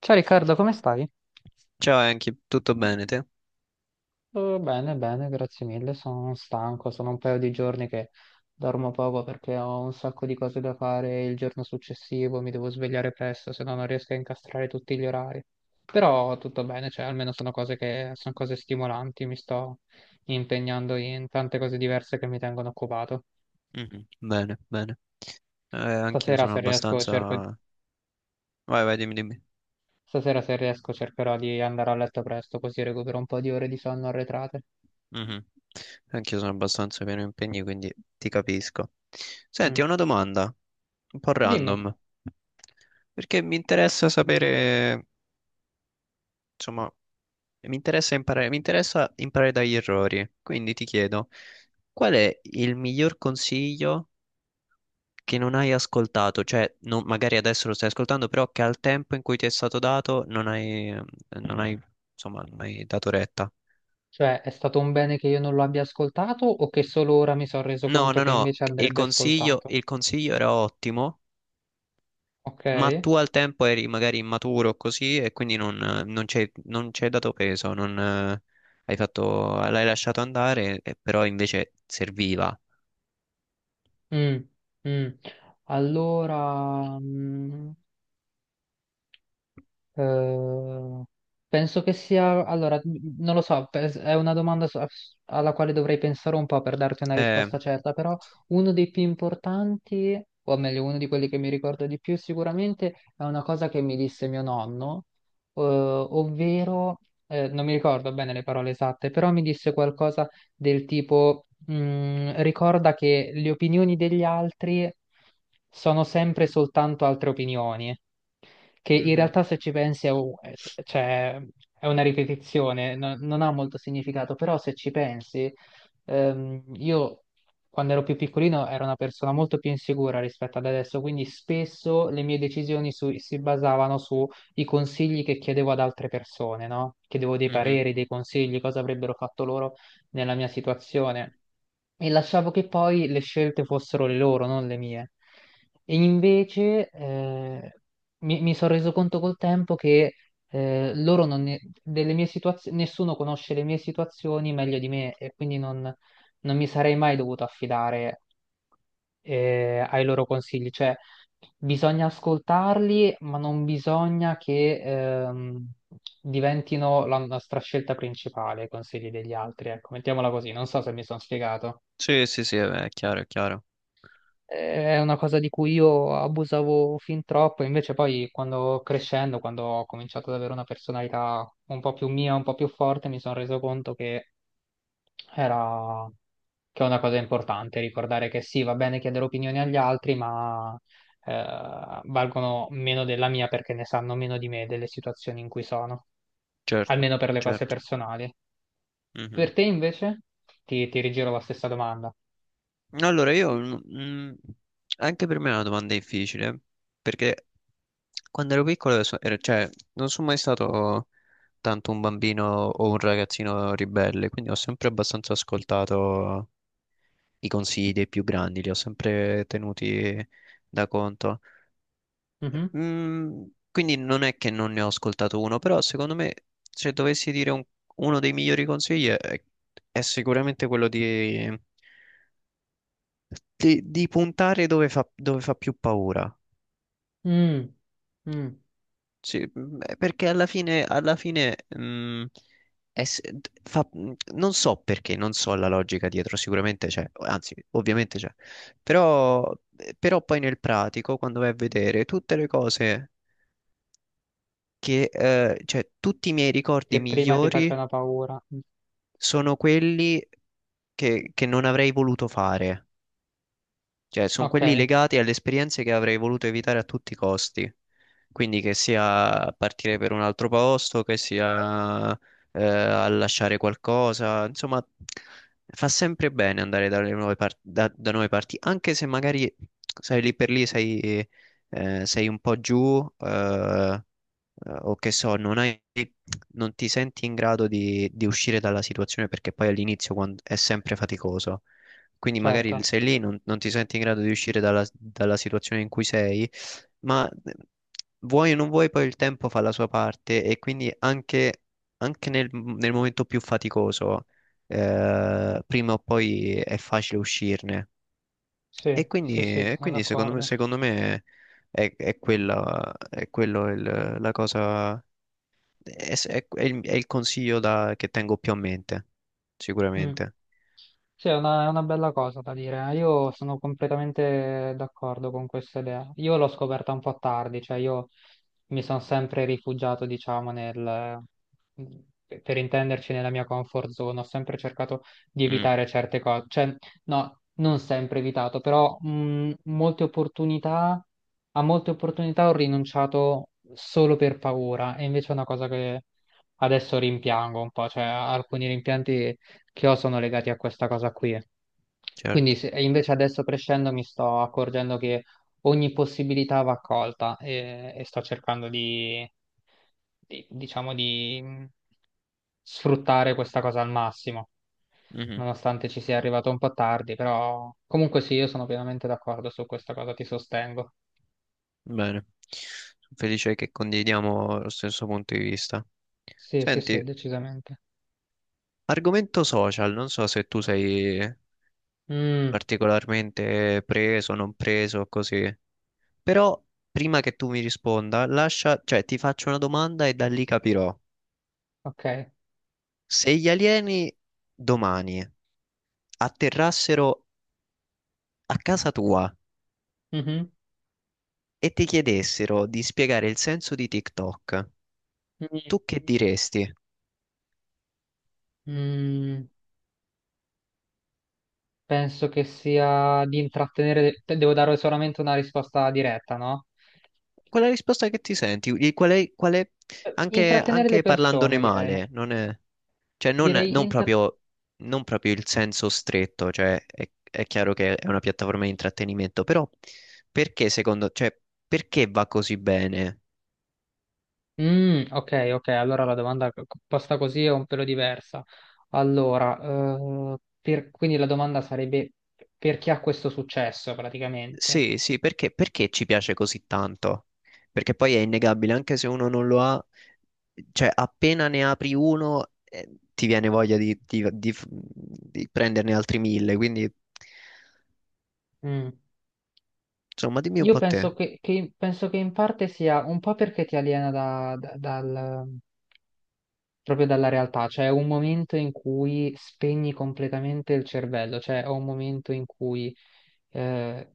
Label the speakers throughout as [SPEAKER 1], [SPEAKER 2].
[SPEAKER 1] Ciao Riccardo, come stai?
[SPEAKER 2] Ciao Enki, tutto bene te?
[SPEAKER 1] Bene, bene, grazie mille. Sono stanco, sono un paio di giorni che dormo poco perché ho un sacco di cose da fare il giorno successivo, mi devo svegliare presto, se no non riesco a incastrare tutti gli orari. Però tutto bene, cioè almeno sono cose stimolanti, mi sto impegnando in tante cose diverse che mi tengono occupato.
[SPEAKER 2] Mhm. Bene, bene. Anch'io
[SPEAKER 1] Stasera
[SPEAKER 2] sono
[SPEAKER 1] se riesco, cerco-
[SPEAKER 2] abbastanza... Vai, vai, dimmi.
[SPEAKER 1] stasera, se riesco cercherò di andare a letto presto, così recupero un po' di ore di sonno arretrate.
[SPEAKER 2] Mhm. Anch'io sono abbastanza pieno di impegni, quindi ti capisco. Senti,
[SPEAKER 1] Mm.
[SPEAKER 2] ho una domanda, un po'
[SPEAKER 1] Dimmi.
[SPEAKER 2] random, perché mi interessa sapere, insomma, mi interessa imparare dagli errori. Quindi ti chiedo, qual è il miglior consiglio che non hai ascoltato, cioè non- magari adesso lo stai ascoltando, però che al tempo in cui ti è stato dato non hai, non hai, insomma, non hai dato retta.
[SPEAKER 1] Cioè, è stato un bene che io non lo abbia ascoltato o che solo ora mi sono reso
[SPEAKER 2] No,
[SPEAKER 1] conto
[SPEAKER 2] no,
[SPEAKER 1] che
[SPEAKER 2] no,
[SPEAKER 1] invece
[SPEAKER 2] il
[SPEAKER 1] andrebbe ascoltato?
[SPEAKER 2] consiglio era ottimo,
[SPEAKER 1] Ok?
[SPEAKER 2] ma tu al tempo eri magari immaturo così e non ci hai dato peso, non, hai fatto, l'hai lasciato andare, però invece serviva.
[SPEAKER 1] Mm, mm. Allora, mm, Eh, penso che sia, non lo so, è una domanda alla quale dovrei pensare un po' per darti una
[SPEAKER 2] Eh,
[SPEAKER 1] risposta certa, però uno dei più importanti, o meglio, uno di quelli che mi ricordo di più sicuramente, è una cosa che mi disse mio nonno, ovvero, non mi ricordo bene le parole esatte, però mi disse qualcosa del tipo, ricorda che le opinioni degli altri sono sempre soltanto altre opinioni che in
[SPEAKER 2] mhm,
[SPEAKER 1] realtà se ci pensi cioè, è una ripetizione, non ha molto significato, però se ci pensi, io quando ero più piccolino ero una persona molto più insicura rispetto ad adesso, quindi spesso le mie decisioni si basavano sui consigli che chiedevo ad altre persone, no? Chiedevo dei
[SPEAKER 2] mhm.
[SPEAKER 1] pareri, dei consigli, cosa avrebbero fatto loro nella mia situazione e lasciavo che poi le scelte fossero le loro, non le mie. E invece mi sono reso conto col tempo che loro non ne- delle mie situazioni, nessuno conosce le mie situazioni meglio di me e quindi non mi sarei mai dovuto affidare ai loro consigli. Cioè, bisogna ascoltarli, ma non bisogna che diventino la nostra scelta principale, i consigli degli altri. Ecco, mettiamola così, non so se mi sono spiegato.
[SPEAKER 2] Sì, sì, sì, è chiaro,
[SPEAKER 1] È una cosa di cui io abusavo fin troppo, invece poi quando crescendo, quando ho cominciato ad avere una personalità un po' più mia, un po' più forte, mi sono reso conto era che è una cosa importante, ricordare che sì, va bene chiedere opinioni agli altri, ma valgono meno della mia perché ne sanno meno di me delle situazioni in cui sono,
[SPEAKER 2] certo,
[SPEAKER 1] almeno per le cose
[SPEAKER 2] certo.
[SPEAKER 1] personali.
[SPEAKER 2] Mhm.
[SPEAKER 1] Per te invece? Ti rigiro la stessa domanda.
[SPEAKER 2] Allora, anche per me è una domanda difficile, perché quando ero piccolo, cioè, non sono mai stato tanto un bambino o un ragazzino ribelle, quindi ho sempre abbastanza ascoltato i consigli dei più grandi, li ho sempre tenuti da conto.
[SPEAKER 1] Mhm.
[SPEAKER 2] Mm, quindi non è che non ne ho ascoltato uno, però secondo me se dovessi dire un- uno dei migliori consigli è sicuramente quello di puntare dove fa più paura.
[SPEAKER 1] Mm. Mm.
[SPEAKER 2] Sì, perché alla fine mm, è s- d- fa- mm, non so perché, non so la logica dietro, sicuramente c'è, anzi, ovviamente c'è, però, però poi nel pratico, quando vai a vedere tutte le cose cioè tutti i miei ricordi
[SPEAKER 1] Che prima ti
[SPEAKER 2] migliori
[SPEAKER 1] facevano paura.
[SPEAKER 2] sono quelli che non avrei voluto fare. Cioè, sono
[SPEAKER 1] Ok,
[SPEAKER 2] quelli legati alle esperienze che avrei voluto evitare a tutti i costi. Quindi che sia partire per un altro posto, che sia a lasciare qualcosa, insomma, fa sempre bene andare dalle nuove par- da, da nuove parti, anche se magari sai lì per lì sei un po' giù, o che so, non hai, non ti senti in grado di uscire dalla situazione perché poi all'inizio è sempre faticoso. Quindi magari
[SPEAKER 1] certo.
[SPEAKER 2] sei lì, non ti senti in grado di uscire dalla situazione in cui sei, ma vuoi o non vuoi, poi il tempo fa la sua parte e quindi anche nel momento più faticoso, prima o poi è facile uscirne.
[SPEAKER 1] Sì, sì, sì,
[SPEAKER 2] E
[SPEAKER 1] sono
[SPEAKER 2] quindi
[SPEAKER 1] d'accordo.
[SPEAKER 2] secondo me è quello la cosa, è, è è il consiglio che tengo più a mente,
[SPEAKER 1] Mm.
[SPEAKER 2] sicuramente.
[SPEAKER 1] Sì, è una bella cosa da dire. Eh. Io sono completamente d'accordo con questa idea. Io l'ho scoperta un po' tardi, cioè io mi sono sempre rifugiato, diciamo, mhmm, per intenderci, nella mia comfort zone. Ho sempre cercato di
[SPEAKER 2] Mm,
[SPEAKER 1] evitare certe cose. Cioè, no, non sempre evitato, però molte a molte opportunità ho rinunciato solo per paura. E invece è una cosa che adesso rimpiango un po', cioè alcuni rimpianti che ho sono legati a questa cosa qui.
[SPEAKER 2] certo.
[SPEAKER 1] E invece adesso crescendo mi sto accorgendo che ogni possibilità va accolta e sto cercando di diciamo, di sfruttare questa cosa al massimo,
[SPEAKER 2] Mhm.
[SPEAKER 1] nonostante ci sia arrivato un po' tardi, però comunque sì, io sono pienamente d'accordo su questa cosa, ti sostengo.
[SPEAKER 2] Bene, sono felice che condividiamo lo stesso punto di vista.
[SPEAKER 1] Sì, sì, sì,
[SPEAKER 2] Senti,
[SPEAKER 1] decisamente.
[SPEAKER 2] argomento social, non so se tu sei
[SPEAKER 1] Mm,
[SPEAKER 2] particolarmente preso, non preso, così, però prima che tu mi risponda, lascia, cioè ti faccio una domanda e da lì capirò.
[SPEAKER 1] ok.
[SPEAKER 2] Se gli alieni domani atterrassero a casa tua
[SPEAKER 1] Mhm.
[SPEAKER 2] e ti chiedessero di spiegare il senso di TikTok,
[SPEAKER 1] Mm,
[SPEAKER 2] tu che diresti?
[SPEAKER 1] mm. Penso che sia di intrattenere, devo dare solamente una risposta diretta, no?
[SPEAKER 2] Qual è la risposta che ti senti? Anche,
[SPEAKER 1] Intrattenere le
[SPEAKER 2] anche parlandone
[SPEAKER 1] persone, direi.
[SPEAKER 2] male,
[SPEAKER 1] Direi
[SPEAKER 2] non
[SPEAKER 1] inter...
[SPEAKER 2] proprio, non proprio il senso stretto, è chiaro che è una piattaforma di intrattenimento, però cioè perché va così bene?
[SPEAKER 1] Ok, ok, allora la domanda posta così è un pelo diversa. Allora, quindi la domanda sarebbe per chi ha questo successo praticamente.
[SPEAKER 2] Sì, sì, perché ci piace così tanto? Perché poi è innegabile, anche se uno non lo ha, cioè appena ne apri uno, ti viene voglia di prenderne altri mille, quindi...
[SPEAKER 1] Mm.
[SPEAKER 2] Insomma, dimmi un
[SPEAKER 1] Io
[SPEAKER 2] po' te.
[SPEAKER 1] penso che penso che in parte sia un po' perché ti aliena dal, proprio dalla realtà, cioè è un momento in cui spegni completamente il cervello, cioè è un momento in cui eh,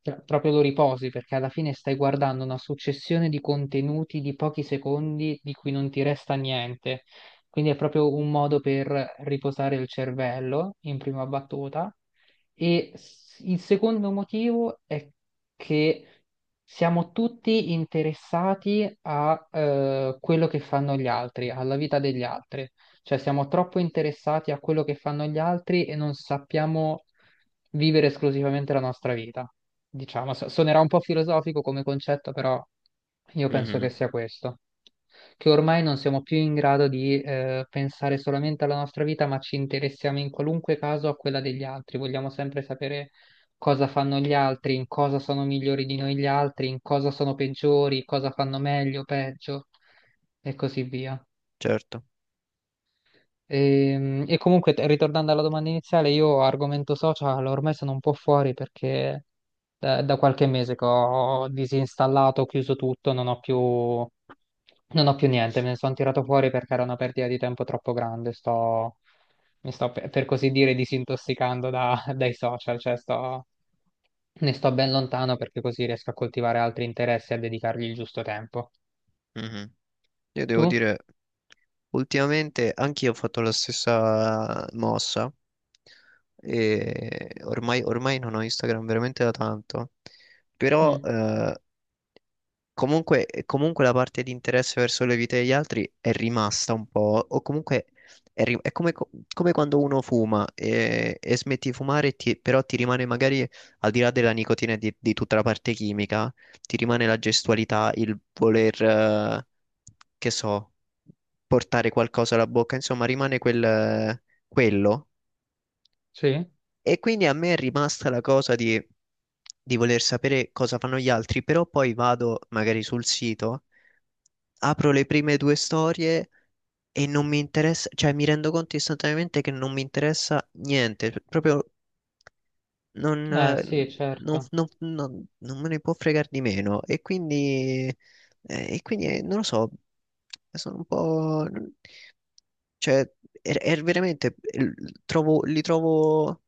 [SPEAKER 1] proprio lo riposi perché alla fine stai guardando una successione di contenuti di pochi secondi di cui non ti resta niente. Quindi è proprio un modo per riposare il cervello in prima battuta. Il secondo motivo è che siamo tutti interessati a quello che fanno gli altri, alla vita degli altri. Cioè siamo troppo interessati a quello che fanno gli altri e non sappiamo vivere esclusivamente la nostra vita. Diciamo, suonerà un po' filosofico come concetto, però io penso che
[SPEAKER 2] Mhm,
[SPEAKER 1] sia questo. Che ormai non siamo più in grado di pensare solamente alla nostra vita, ma ci interessiamo in qualunque caso a quella degli altri. Vogliamo sempre sapere cosa fanno gli altri, in cosa sono migliori di noi gli altri, in cosa sono peggiori, cosa fanno meglio, peggio e così via.
[SPEAKER 2] certo.
[SPEAKER 1] E comunque, ritornando alla domanda iniziale, io argomento social ormai sono un po' fuori perché da qualche mese che ho disinstallato, ho chiuso tutto, non ho più niente, me ne sono tirato fuori perché era una perdita di tempo troppo grande. Mi sto per così dire disintossicando da- dai social, cioè sto, ne sto ben lontano perché così riesco a coltivare altri interessi e a dedicargli il giusto tempo.
[SPEAKER 2] Mhm. Io
[SPEAKER 1] Tu?
[SPEAKER 2] devo dire, ultimamente anch'io ho fatto la stessa mossa e ormai non ho Instagram veramente da tanto, però
[SPEAKER 1] Mm.
[SPEAKER 2] comunque la parte di interesse verso le vite degli altri è rimasta un po', o comunque è come quando uno fuma e smetti di fumare, e però ti rimane magari, al di là della nicotina e di tutta la parte chimica, ti rimane la gestualità, il voler, che so, portare qualcosa alla bocca, insomma, rimane quello.
[SPEAKER 1] Sì?
[SPEAKER 2] E quindi a me è rimasta la cosa di voler sapere cosa fanno gli altri, però poi vado magari sul sito, apro le prime due storie e non mi interessa, cioè mi rendo conto istantaneamente che non mi interessa niente, proprio non,
[SPEAKER 1] Eh sì, certo,
[SPEAKER 2] non me ne può fregare di meno. E quindi non lo so, sono un po'... Cioè, è veramente, li trovo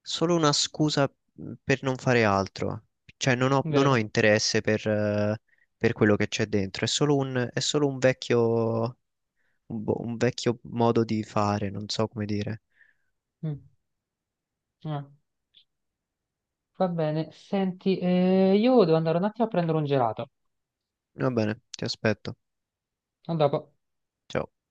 [SPEAKER 2] solo una scusa per non fare altro. Cioè, non ho
[SPEAKER 1] vero.
[SPEAKER 2] interesse per quello che c'è dentro. È solo è solo un un vecchio modo di fare, non so come dire.
[SPEAKER 1] Mm. Ah, va bene, senti, io devo andare un attimo a prendere un gelato.
[SPEAKER 2] Va bene, ti aspetto.
[SPEAKER 1] A dopo.
[SPEAKER 2] Ciao.